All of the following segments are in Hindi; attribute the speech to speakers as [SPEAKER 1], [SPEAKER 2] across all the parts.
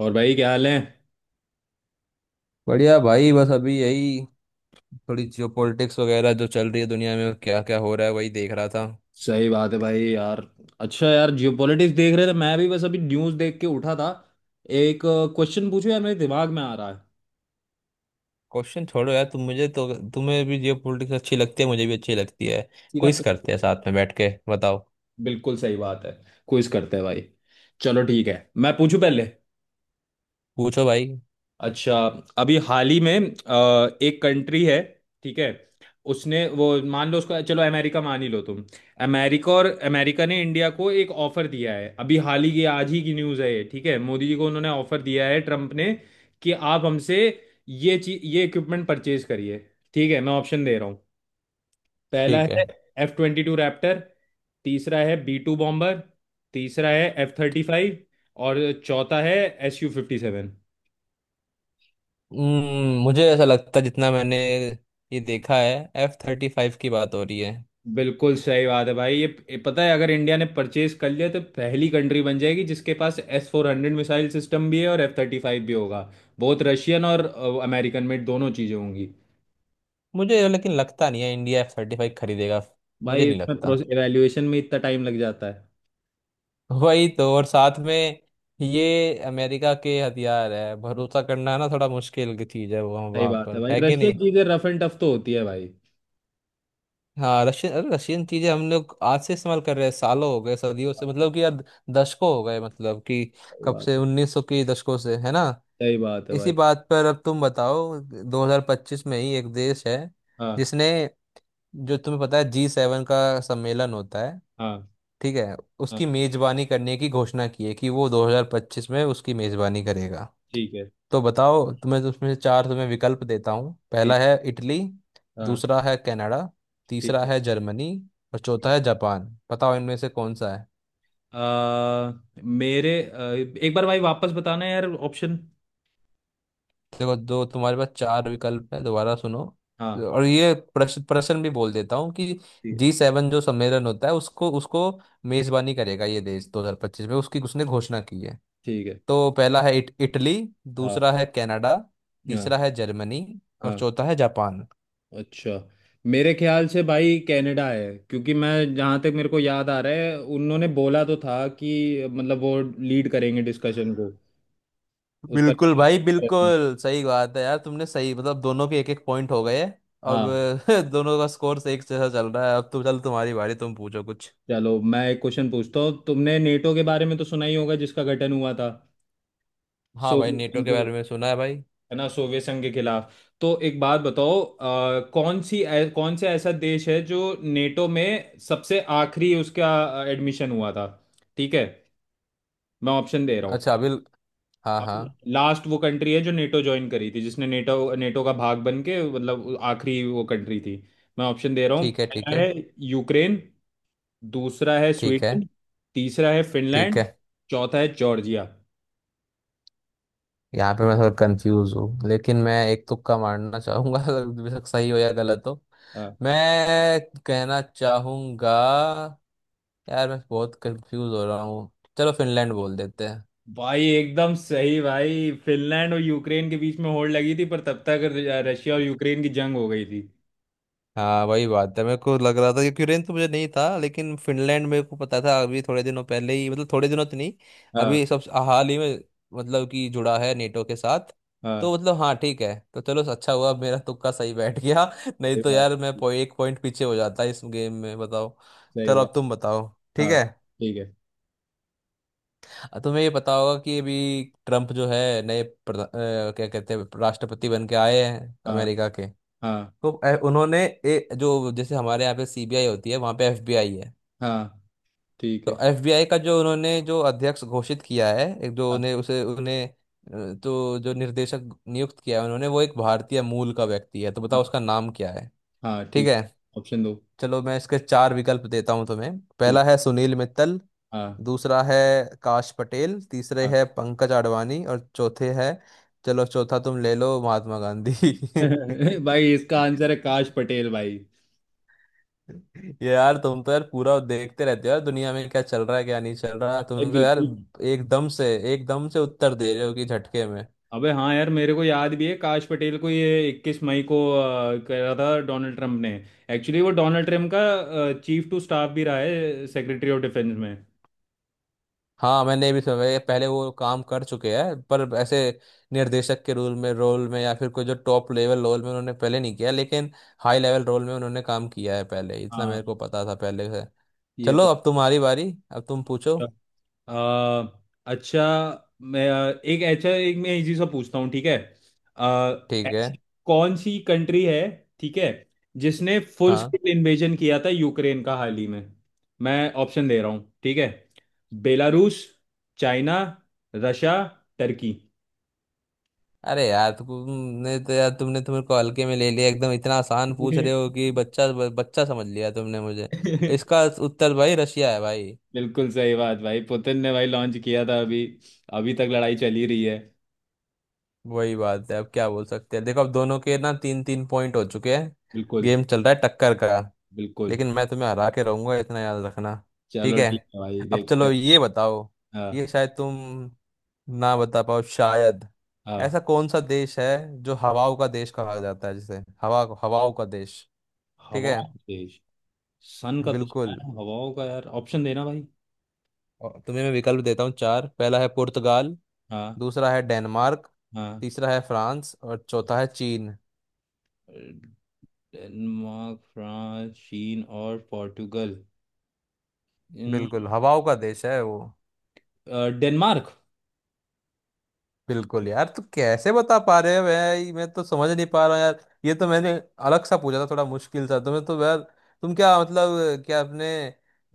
[SPEAKER 1] और भाई क्या हाल है?
[SPEAKER 2] बढ़िया भाई। बस अभी यही थोड़ी जियो पॉलिटिक्स वगैरह जो चल रही है, दुनिया में क्या क्या हो रहा है वही देख रहा था।
[SPEAKER 1] सही बात है भाई यार। अच्छा यार, जियोपॉलिटिक्स देख रहे थे। मैं भी बस अभी न्यूज़ देख के उठा था। एक क्वेश्चन पूछो यार, मेरे दिमाग में आ रहा है।
[SPEAKER 2] क्वेश्चन छोड़ो यार। तुम मुझे तो, तुम्हें भी जियो पॉलिटिक्स अच्छी लगती है, मुझे भी अच्छी लगती है।
[SPEAKER 1] सीधा
[SPEAKER 2] क्विज
[SPEAKER 1] question।
[SPEAKER 2] करते हैं साथ में बैठ के, बताओ।
[SPEAKER 1] बिल्कुल सही बात है। क्विज करते हैं भाई। चलो ठीक है, मैं पूछूं पहले।
[SPEAKER 2] पूछो भाई।
[SPEAKER 1] अच्छा। अभी हाल ही में एक कंट्री है, ठीक है। उसने वो मान लो, उसको चलो अमेरिका मान ही लो तुम। अमेरिका और अमेरिका ने इंडिया को एक ऑफर दिया है, अभी हाल ही की आज ही की न्यूज़ है ये। ठीक है, मोदी जी को उन्होंने ऑफर दिया है, ट्रम्प ने। कि आप हमसे ये इक्विपमेंट परचेज करिए। ठीक है, मैं ऑप्शन दे रहा हूँ। पहला
[SPEAKER 2] ठीक है।
[SPEAKER 1] है F-22 रैप्टर। तीसरा है B-2 बॉम्बर। तीसरा है F-35। और चौथा है Su-57।
[SPEAKER 2] मुझे ऐसा लगता है, जितना मैंने ये देखा है, F-35 की बात हो रही है।
[SPEAKER 1] बिल्कुल सही बात है भाई। ये पता है, अगर इंडिया ने परचेज कर लिया तो पहली कंट्री बन जाएगी जिसके पास S-400 मिसाइल सिस्टम भी है और F-35 भी होगा। बहुत रशियन और अमेरिकन मेड दोनों चीज़ें होंगी।
[SPEAKER 2] मुझे लेकिन लगता नहीं है इंडिया F-35 खरीदेगा। मुझे
[SPEAKER 1] भाई
[SPEAKER 2] नहीं
[SPEAKER 1] इसमें
[SPEAKER 2] लगता।
[SPEAKER 1] प्रोसेस एवेल्युएशन में इतना टाइम लग जाता है।
[SPEAKER 2] वही तो। और साथ में, ये अमेरिका के हथियार है, भरोसा करना ना थोड़ा मुश्किल की चीज है, वो
[SPEAKER 1] सही
[SPEAKER 2] वहां
[SPEAKER 1] बात है
[SPEAKER 2] पर
[SPEAKER 1] भाई,
[SPEAKER 2] है कि
[SPEAKER 1] रशियन
[SPEAKER 2] नहीं।
[SPEAKER 1] चीज़ें रफ एंड टफ तो होती है भाई।
[SPEAKER 2] हाँ रशियन, अरे रशियन चीजें हम लोग आज से इस्तेमाल कर रहे हैं, सालों हो गए, सदियों से मतलब कि यार, दशकों हो गए मतलब कि,
[SPEAKER 1] सही
[SPEAKER 2] कब
[SPEAKER 1] बात
[SPEAKER 2] से
[SPEAKER 1] है।
[SPEAKER 2] 1900 के दशकों से है ना।
[SPEAKER 1] सही बात है
[SPEAKER 2] इसी
[SPEAKER 1] भाई।
[SPEAKER 2] बात पर अब तुम बताओ, 2025 में ही एक देश है
[SPEAKER 1] हाँ।
[SPEAKER 2] जिसने, जो तुम्हें पता है G7 का सम्मेलन होता है,
[SPEAKER 1] हाँ।
[SPEAKER 2] ठीक है,
[SPEAKER 1] हाँ।
[SPEAKER 2] उसकी मेजबानी करने की घोषणा की है कि वो 2025 में उसकी मेजबानी करेगा।
[SPEAKER 1] ठीक है।
[SPEAKER 2] तो बताओ तुम्हें, तो उसमें से चार तुम्हें विकल्प देता हूँ। पहला
[SPEAKER 1] ठीक।
[SPEAKER 2] है इटली,
[SPEAKER 1] हाँ।
[SPEAKER 2] दूसरा है कनाडा,
[SPEAKER 1] ठीक
[SPEAKER 2] तीसरा
[SPEAKER 1] है।
[SPEAKER 2] है जर्मनी, और
[SPEAKER 1] ठीक।
[SPEAKER 2] चौथा है जापान। बताओ इनमें से कौन सा है।
[SPEAKER 1] आ, मेरे एक बार भाई वापस बताना यार, ऑप्शन।
[SPEAKER 2] देखो दो तुम्हारे पास चार विकल्प है, दोबारा सुनो।
[SPEAKER 1] हाँ।
[SPEAKER 2] और ये प्रश्न प्रश्न भी बोल देता हूँ कि
[SPEAKER 1] ठीक।
[SPEAKER 2] G7 जो सम्मेलन होता है, उसको उसको मेजबानी करेगा ये देश 2025 में, उसकी उसने घोषणा की है।
[SPEAKER 1] ठीक है।
[SPEAKER 2] तो पहला है इटली,
[SPEAKER 1] हाँ।
[SPEAKER 2] दूसरा है कनाडा,
[SPEAKER 1] हाँ।
[SPEAKER 2] तीसरा है जर्मनी, और
[SPEAKER 1] हाँ,
[SPEAKER 2] चौथा है जापान।
[SPEAKER 1] अच्छा। मेरे ख्याल से भाई कनाडा है, क्योंकि मैं जहाँ तक मेरे को याद आ रहा है, उन्होंने बोला तो था कि मतलब वो लीड करेंगे डिस्कशन को। उसका
[SPEAKER 2] बिल्कुल भाई, बिल्कुल सही बात है यार। तुमने सही मतलब, दोनों के एक एक पॉइंट हो गए। अब
[SPEAKER 1] हाँ।
[SPEAKER 2] दोनों का स्कोर एक जैसा चल रहा है। अब तो चल, तुम्हारी बारी, तुम पूछो कुछ।
[SPEAKER 1] चलो मैं एक क्वेश्चन पूछता हूँ। तुमने नेटो के बारे में तो सुना ही होगा, जिसका गठन हुआ था
[SPEAKER 2] हाँ भाई,
[SPEAKER 1] सोवियत
[SPEAKER 2] नेटो
[SPEAKER 1] संघ
[SPEAKER 2] के
[SPEAKER 1] को,
[SPEAKER 2] बारे में सुना है भाई।
[SPEAKER 1] है ना, सोवियत संघ के खिलाफ। तो एक बात बताओ कौन सी कौन सा ऐसा देश है जो नेटो में सबसे आखिरी उसका एडमिशन हुआ था। ठीक है, मैं ऑप्शन दे रहा हूँ।
[SPEAKER 2] अच्छा अभी। हाँ, हाँ।
[SPEAKER 1] लास्ट वो कंट्री है जो नेटो ज्वाइन करी थी, जिसने नेटो नेटो का भाग बन के मतलब आखिरी वो कंट्री थी। मैं ऑप्शन दे रहा हूँ।
[SPEAKER 2] ठीक है, ठीक
[SPEAKER 1] पहला
[SPEAKER 2] है।
[SPEAKER 1] है यूक्रेन। दूसरा है
[SPEAKER 2] ठीक है।
[SPEAKER 1] स्वीडन। तीसरा है
[SPEAKER 2] ठीक
[SPEAKER 1] फिनलैंड।
[SPEAKER 2] है।
[SPEAKER 1] चौथा है जॉर्जिया।
[SPEAKER 2] यहाँ पे मैं थोड़ा कंफ्यूज हूँ, लेकिन मैं एक तुक्का मारना चाहूंगा अगर बेशक सही हो या गलत हो।
[SPEAKER 1] हाँ।
[SPEAKER 2] मैं कहना चाहूंगा, यार मैं बहुत कंफ्यूज हो रहा हूँ। चलो, फिनलैंड बोल देते।
[SPEAKER 1] भाई एकदम सही भाई, फिनलैंड और यूक्रेन के बीच में होड़ लगी थी, पर तब तक रशिया और यूक्रेन की जंग हो गई थी।
[SPEAKER 2] हाँ वही बात है, मेरे को लग रहा था कि यूक्रेन तो मुझे नहीं था, लेकिन फिनलैंड मेरे को पता था। अभी थोड़े दिनों पहले ही, मतलब थोड़े दिनों तो नहीं,
[SPEAKER 1] हाँ।
[SPEAKER 2] अभी सब हाल ही में मतलब कि जुड़ा है नेटो के साथ।
[SPEAKER 1] हाँ।
[SPEAKER 2] तो मतलब हाँ ठीक है, तो चलो अच्छा हुआ मेरा तुक्का सही बैठ गया, नहीं
[SPEAKER 1] सही
[SPEAKER 2] तो
[SPEAKER 1] बात।
[SPEAKER 2] यार मैं एक पॉइंट पीछे हो जाता इस गेम में, बताओ।
[SPEAKER 1] सही
[SPEAKER 2] चलो
[SPEAKER 1] बात।
[SPEAKER 2] अब तुम बताओ। ठीक
[SPEAKER 1] हाँ।
[SPEAKER 2] है।
[SPEAKER 1] ठीक है।
[SPEAKER 2] तुम्हें ये पता होगा कि अभी ट्रम्प जो है नए क्या कहते हैं, राष्ट्रपति बन के आए हैं
[SPEAKER 1] हाँ।
[SPEAKER 2] अमेरिका के।
[SPEAKER 1] हाँ।
[SPEAKER 2] तो उन्होंने जो जैसे हमारे यहाँ पे सीबीआई होती है, वहाँ पे एफबीआई है।
[SPEAKER 1] हाँ। ठीक है।
[SPEAKER 2] तो एफबीआई का जो उन्होंने जो अध्यक्ष घोषित किया है, एक, जो
[SPEAKER 1] हाँ।
[SPEAKER 2] उन्हें तो जो निर्देशक नियुक्त किया है उन्होंने, वो एक भारतीय मूल का व्यक्ति है, तो बताओ
[SPEAKER 1] हाँ।
[SPEAKER 2] उसका नाम क्या है।
[SPEAKER 1] हाँ,
[SPEAKER 2] ठीक
[SPEAKER 1] ठीक है।
[SPEAKER 2] है।
[SPEAKER 1] ऑप्शन दो।
[SPEAKER 2] चलो मैं इसके चार विकल्प देता हूँ तुम्हें। पहला
[SPEAKER 1] ठीक।
[SPEAKER 2] है सुनील मित्तल,
[SPEAKER 1] हाँ।
[SPEAKER 2] दूसरा है काश पटेल, तीसरे
[SPEAKER 1] हाँ।
[SPEAKER 2] है पंकज आडवाणी, और चौथे है, चलो चौथा तुम ले लो महात्मा गांधी।
[SPEAKER 1] भाई इसका आंसर है काश पटेल भाई।
[SPEAKER 2] ये यार, तुम तो यार पूरा देखते रहते हो यार दुनिया में क्या चल रहा है क्या नहीं चल रहा,
[SPEAKER 1] भाई
[SPEAKER 2] तुम तो यार
[SPEAKER 1] बिल्कुल।
[SPEAKER 2] एकदम से एकदम से उत्तर दे रहे हो कि झटके में।
[SPEAKER 1] अबे हाँ यार, मेरे को याद भी है, काश पटेल को ये 21 मई को करा था डोनाल्ड ट्रंप ने। एक्चुअली वो डोनाल्ड ट्रंप का चीफ टू स्टाफ भी रहा है, सेक्रेटरी ऑफ डिफेंस में।
[SPEAKER 2] हाँ मैंने भी सुना है, पहले वो काम कर चुके हैं, पर ऐसे निर्देशक के रोल में या फिर कोई जो टॉप लेवल रोल में उन्होंने पहले नहीं किया, लेकिन हाई लेवल रोल में उन्होंने काम किया है पहले, इतना
[SPEAKER 1] हाँ।
[SPEAKER 2] मेरे को पता था पहले से।
[SPEAKER 1] ये
[SPEAKER 2] चलो
[SPEAKER 1] तो
[SPEAKER 2] अब तुम्हारी बारी, अब तुम पूछो।
[SPEAKER 1] अच्छा। अ, अच्छा, मैं एक अच्छा एक मैं इजी सा पूछता हूँ, ठीक है।
[SPEAKER 2] ठीक है।
[SPEAKER 1] ऐसी कौन सी कंट्री है, ठीक है, जिसने फुल
[SPEAKER 2] हाँ।
[SPEAKER 1] स्केल इन्वेजन किया था यूक्रेन का हाल ही में। मैं ऑप्शन दे रहा हूँ, ठीक है। बेलारूस। चाइना। रशिया। टर्की।
[SPEAKER 2] अरे यार, तुमने तो यार, तुमने तुम्हें को हल्के में ले लिया, एकदम इतना आसान पूछ रहे हो कि बच्चा, बच्चा समझ लिया तुमने मुझे। इसका उत्तर भाई रशिया है भाई।
[SPEAKER 1] बिल्कुल सही बात भाई, पुतिन ने भाई लॉन्च किया था अभी। अभी तक लड़ाई चली रही है।
[SPEAKER 2] वही बात है अब क्या बोल सकते हैं, देखो अब दोनों के ना तीन तीन पॉइंट हो चुके हैं।
[SPEAKER 1] बिल्कुल।
[SPEAKER 2] गेम चल रहा है टक्कर का।
[SPEAKER 1] बिल्कुल।
[SPEAKER 2] लेकिन मैं तुम्हें हरा के रहूंगा, इतना याद रखना। ठीक
[SPEAKER 1] चलो
[SPEAKER 2] है।
[SPEAKER 1] ठीक है भाई,
[SPEAKER 2] अब
[SPEAKER 1] देखते
[SPEAKER 2] चलो
[SPEAKER 1] हैं।
[SPEAKER 2] ये बताओ,
[SPEAKER 1] हाँ।
[SPEAKER 2] ये शायद तुम ना बता पाओ शायद।
[SPEAKER 1] हाँ। हाँ।
[SPEAKER 2] ऐसा कौन सा देश है जो हवाओं का देश कहा जाता है, जिसे हवा, हवाओं का देश। ठीक है।
[SPEAKER 1] हवाओं का देश? सन का तो सुना
[SPEAKER 2] बिल्कुल।
[SPEAKER 1] है, हवाओं का यार ऑप्शन देना भाई।
[SPEAKER 2] और तुम्हें मैं विकल्प देता हूँ चार। पहला है पुर्तगाल,
[SPEAKER 1] हाँ।
[SPEAKER 2] दूसरा है डेनमार्क,
[SPEAKER 1] हाँ।
[SPEAKER 2] तीसरा है फ्रांस, और चौथा है चीन।
[SPEAKER 1] डेनमार्क, फ्रांस, चीन और पोर्टुगल।
[SPEAKER 2] बिल्कुल
[SPEAKER 1] इन-
[SPEAKER 2] हवाओं का देश है वो।
[SPEAKER 1] डेनमार्क।
[SPEAKER 2] बिल्कुल यार, तू कैसे बता पा रहे हो भाई, मैं तो समझ नहीं पा रहा हूँ यार। ये तो मैंने अलग सा पूछा था, थोड़ा मुश्किल सा। तुम्हें तो यार, तुम क्या मतलब, क्या अपने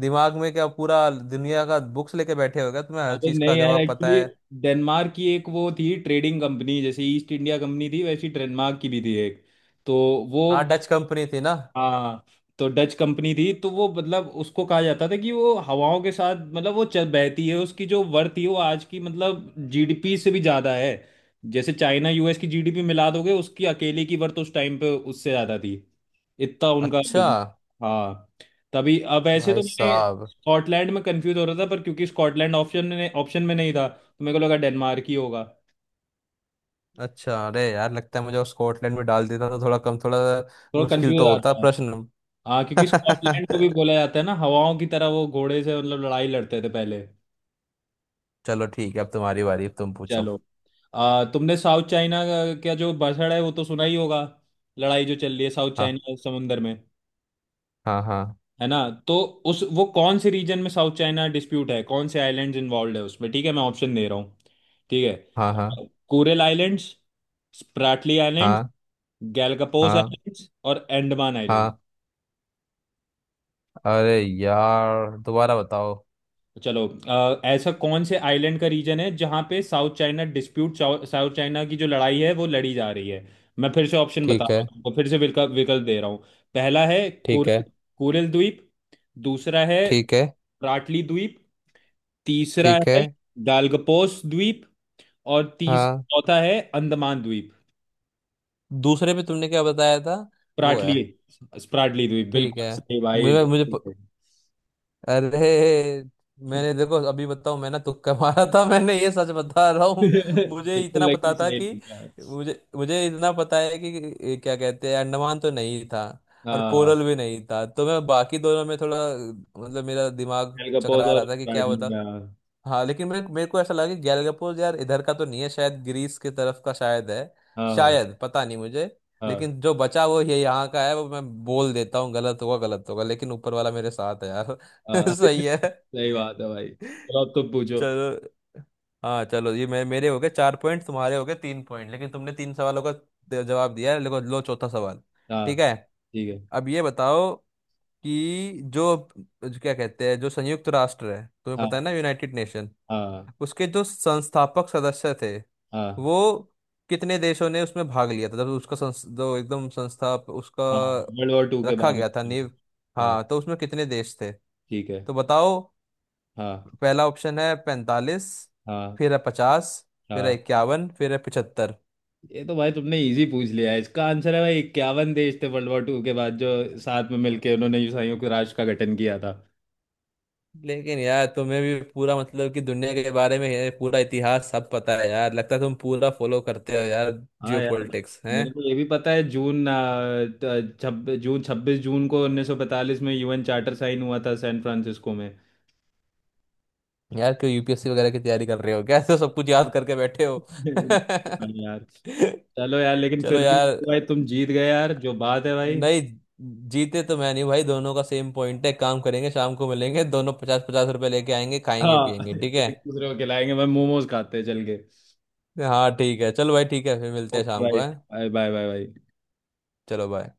[SPEAKER 2] दिमाग में क्या पूरा दुनिया का बुक्स लेके बैठे हो क्या, तुम्हें हर
[SPEAKER 1] अबे
[SPEAKER 2] चीज का
[SPEAKER 1] नहीं यार,
[SPEAKER 2] जवाब पता
[SPEAKER 1] एक्चुअली
[SPEAKER 2] है।
[SPEAKER 1] डेनमार्क की एक वो थी ट्रेडिंग कंपनी, जैसे ईस्ट इंडिया कंपनी थी वैसी डेनमार्क की भी थी एक, तो वो
[SPEAKER 2] हाँ, डच कंपनी थी ना।
[SPEAKER 1] हाँ। तो डच कंपनी थी, तो वो मतलब उसको कहा जाता था कि वो हवाओं के साथ मतलब वो चल बहती है। उसकी जो वर्थ थी वो आज की मतलब जीडीपी से भी ज्यादा है। जैसे चाइना यूएस की जीडीपी मिला दोगे, उसकी अकेले की वर्थ उस टाइम पे उससे ज्यादा थी, इतना उनका
[SPEAKER 2] अच्छा।
[SPEAKER 1] बिजनेस। हाँ। तभी। अब ऐसे
[SPEAKER 2] भाई
[SPEAKER 1] तो मैंने
[SPEAKER 2] साहब।
[SPEAKER 1] स्कॉटलैंड में कंफ्यूज हो रहा था, पर क्योंकि स्कॉटलैंड ऑप्शन में नहीं था, तो मेरे को लगा डेनमार्क ही होगा।
[SPEAKER 2] अच्छा, अरे यार लगता है मुझे वो स्कॉटलैंड में डाल देता तो थोड़ा कम, थोड़ा
[SPEAKER 1] थोड़ा
[SPEAKER 2] मुश्किल
[SPEAKER 1] कंफ्यूज
[SPEAKER 2] तो होता
[SPEAKER 1] आता है।
[SPEAKER 2] प्रश्न।
[SPEAKER 1] हाँ, क्योंकि स्कॉटलैंड को भी बोला जाता है ना, हवाओं की तरह वो घोड़े से मतलब लड़ाई लड़ते थे पहले।
[SPEAKER 2] चलो ठीक है, अब तुम्हारी बारी, अब तुम पूछो।
[SPEAKER 1] चलो। तुमने साउथ चाइना का क्या जो बसड़ है वो तो सुना ही होगा, लड़ाई जो चल रही है साउथ
[SPEAKER 2] हाँ,
[SPEAKER 1] चाइना समुंदर में,
[SPEAKER 2] हाँ, हाँ,
[SPEAKER 1] है ना। तो उस वो कौन से रीजन में साउथ चाइना डिस्प्यूट है, कौन से आइलैंड्स इन्वॉल्व है उसमें। ठीक है मैं ऑप्शन दे रहा हूँ। ठीक
[SPEAKER 2] हाँ, हाँ,
[SPEAKER 1] है, कोरल आइलैंड्स, स्प्राटली
[SPEAKER 2] हाँ,
[SPEAKER 1] आइलैंड्स, गैलापागोस
[SPEAKER 2] हाँ,
[SPEAKER 1] आइलैंड्स और अंडमान आइलैंड्स।
[SPEAKER 2] हाँ। अरे यार दोबारा बताओ।
[SPEAKER 1] चलो ऐसा कौन से आइलैंड का रीजन है जहां पे South China dispute, South China की जो लड़ाई है वो लड़ी जा रही है। मैं फिर से ऑप्शन बता
[SPEAKER 2] ठीक
[SPEAKER 1] रहा हूँ
[SPEAKER 2] है,
[SPEAKER 1] तुमको, फिर से विकल्प विकल्प दे रहा हूँ। पहला है
[SPEAKER 2] ठीक है,
[SPEAKER 1] कोरल, कोरल द्वीप। दूसरा है
[SPEAKER 2] ठीक है,
[SPEAKER 1] राटली द्वीप। तीसरा
[SPEAKER 2] ठीक है।
[SPEAKER 1] है गालगपोस द्वीप। और तीस
[SPEAKER 2] हाँ,
[SPEAKER 1] चौथा है अंडमान द्वीप।
[SPEAKER 2] दूसरे पे तुमने क्या बताया था? वो
[SPEAKER 1] स्प्राटली,
[SPEAKER 2] है।
[SPEAKER 1] स्प्राटली द्वीप
[SPEAKER 2] ठीक
[SPEAKER 1] बिल्कुल
[SPEAKER 2] है।
[SPEAKER 1] सही भाई,
[SPEAKER 2] मुझे मुझे
[SPEAKER 1] बिल्कुल सही।
[SPEAKER 2] अरे, मैंने देखो अभी बताऊं मैं ना, तुक्का मारा था मैंने, ये सच बता रहा हूँ, मुझे
[SPEAKER 1] बिल्कुल,
[SPEAKER 2] इतना पता
[SPEAKER 1] लेकिन
[SPEAKER 2] था
[SPEAKER 1] सही
[SPEAKER 2] कि,
[SPEAKER 1] लिखा।
[SPEAKER 2] मुझे मुझे इतना पता है कि ये क्या कहते हैं, अंडमान तो नहीं था और
[SPEAKER 1] हाँ,
[SPEAKER 2] कोरल भी नहीं था, तो मैं बाकी दोनों में थोड़ा, मतलब मेरा दिमाग
[SPEAKER 1] गालगपोस
[SPEAKER 2] चकरा रहा
[SPEAKER 1] और
[SPEAKER 2] था कि क्या
[SPEAKER 1] स्प्राटली
[SPEAKER 2] बता।
[SPEAKER 1] का।
[SPEAKER 2] हाँ लेकिन मेरे मेरे को ऐसा लगा कि गैलगपोस यार इधर का तो नहीं है शायद, ग्रीस की तरफ का शायद है,
[SPEAKER 1] हाँ।
[SPEAKER 2] शायद पता नहीं मुझे।
[SPEAKER 1] हाँ।
[SPEAKER 2] लेकिन जो बचा वो ये यहाँ का है, वो मैं बोल देता हूँ, गलत होगा गलत होगा, लेकिन ऊपर वाला मेरे साथ है यार।
[SPEAKER 1] हाँ।
[SPEAKER 2] सही है।
[SPEAKER 1] सही बात है भाई, चलो अब तुम पूछो।
[SPEAKER 2] चलो। हाँ चलो, ये मेरे मेरे हो गए चार पॉइंट, तुम्हारे हो गए तीन पॉइंट, लेकिन तुमने तीन सवालों का जवाब दिया है। लो लो चौथा सवाल।
[SPEAKER 1] हाँ।
[SPEAKER 2] ठीक है।
[SPEAKER 1] ठीक है।
[SPEAKER 2] अब ये बताओ कि जो, जो क्या कहते हैं, जो संयुक्त राष्ट्र है, तुम्हें पता
[SPEAKER 1] हाँ।
[SPEAKER 2] है ना, यूनाइटेड नेशन,
[SPEAKER 1] हाँ।
[SPEAKER 2] उसके जो संस्थापक सदस्य थे,
[SPEAKER 1] हाँ।
[SPEAKER 2] वो कितने देशों ने उसमें भाग लिया था जब उसका जो एकदम संस्था उसका
[SPEAKER 1] हाँ, वर्ल्ड वॉर 2 के
[SPEAKER 2] रखा
[SPEAKER 1] बाद
[SPEAKER 2] गया था
[SPEAKER 1] हुई।
[SPEAKER 2] नींव।
[SPEAKER 1] हाँ।
[SPEAKER 2] हाँ तो उसमें कितने देश थे?
[SPEAKER 1] ठीक है।
[SPEAKER 2] तो बताओ,
[SPEAKER 1] हाँ।
[SPEAKER 2] पहला ऑप्शन है 45,
[SPEAKER 1] हाँ।
[SPEAKER 2] फिर है 50, फिर है
[SPEAKER 1] हाँ,
[SPEAKER 2] 51, फिर है 75।
[SPEAKER 1] ये तो भाई तुमने इजी पूछ लिया है, इसका आंसर है भाई 51 देश थे, वर्ल्ड वॉर 2 के बाद जो साथ में मिलके उन्होंने संयुक्त राष्ट्र का गठन किया था।
[SPEAKER 2] लेकिन यार तुम्हें भी पूरा मतलब कि दुनिया के बारे में है, पूरा इतिहास सब पता है यार, लगता है तुम पूरा फॉलो करते हो यार,
[SPEAKER 1] हाँ
[SPEAKER 2] जियो
[SPEAKER 1] यार,
[SPEAKER 2] पॉलिटिक्स है।
[SPEAKER 1] मेरे को ये भी पता है, जून छब्बीस जून 26 जून को 1945 में यूएन चार्टर साइन हुआ था सैन फ्रांसिस्को में।
[SPEAKER 2] यार क्यों यूपीएससी वगैरह की तैयारी कर रहे हो क्या, ऐसे सब कुछ याद करके बैठे हो?
[SPEAKER 1] हाँ यार। चलो यार, लेकिन
[SPEAKER 2] चलो
[SPEAKER 1] फिर भी
[SPEAKER 2] यार।
[SPEAKER 1] तो भाई तुम जीत गए यार, जो बात है भाई।
[SPEAKER 2] नहीं, जीते तो मैं नहीं भाई, दोनों का सेम पॉइंट है। काम करेंगे, शाम को मिलेंगे दोनों, पचास पचास रुपए लेके आएंगे, खाएंगे
[SPEAKER 1] हाँ,
[SPEAKER 2] पिएंगे, ठीक है।
[SPEAKER 1] एक दूसरे को खिलाएंगे भाई, मोमोज खाते हैं चल के।
[SPEAKER 2] हाँ ठीक है, चलो भाई ठीक है, फिर मिलते हैं
[SPEAKER 1] ओके
[SPEAKER 2] शाम को,
[SPEAKER 1] भाई।
[SPEAKER 2] है।
[SPEAKER 1] Bye bye bye bye.
[SPEAKER 2] चलो बाय।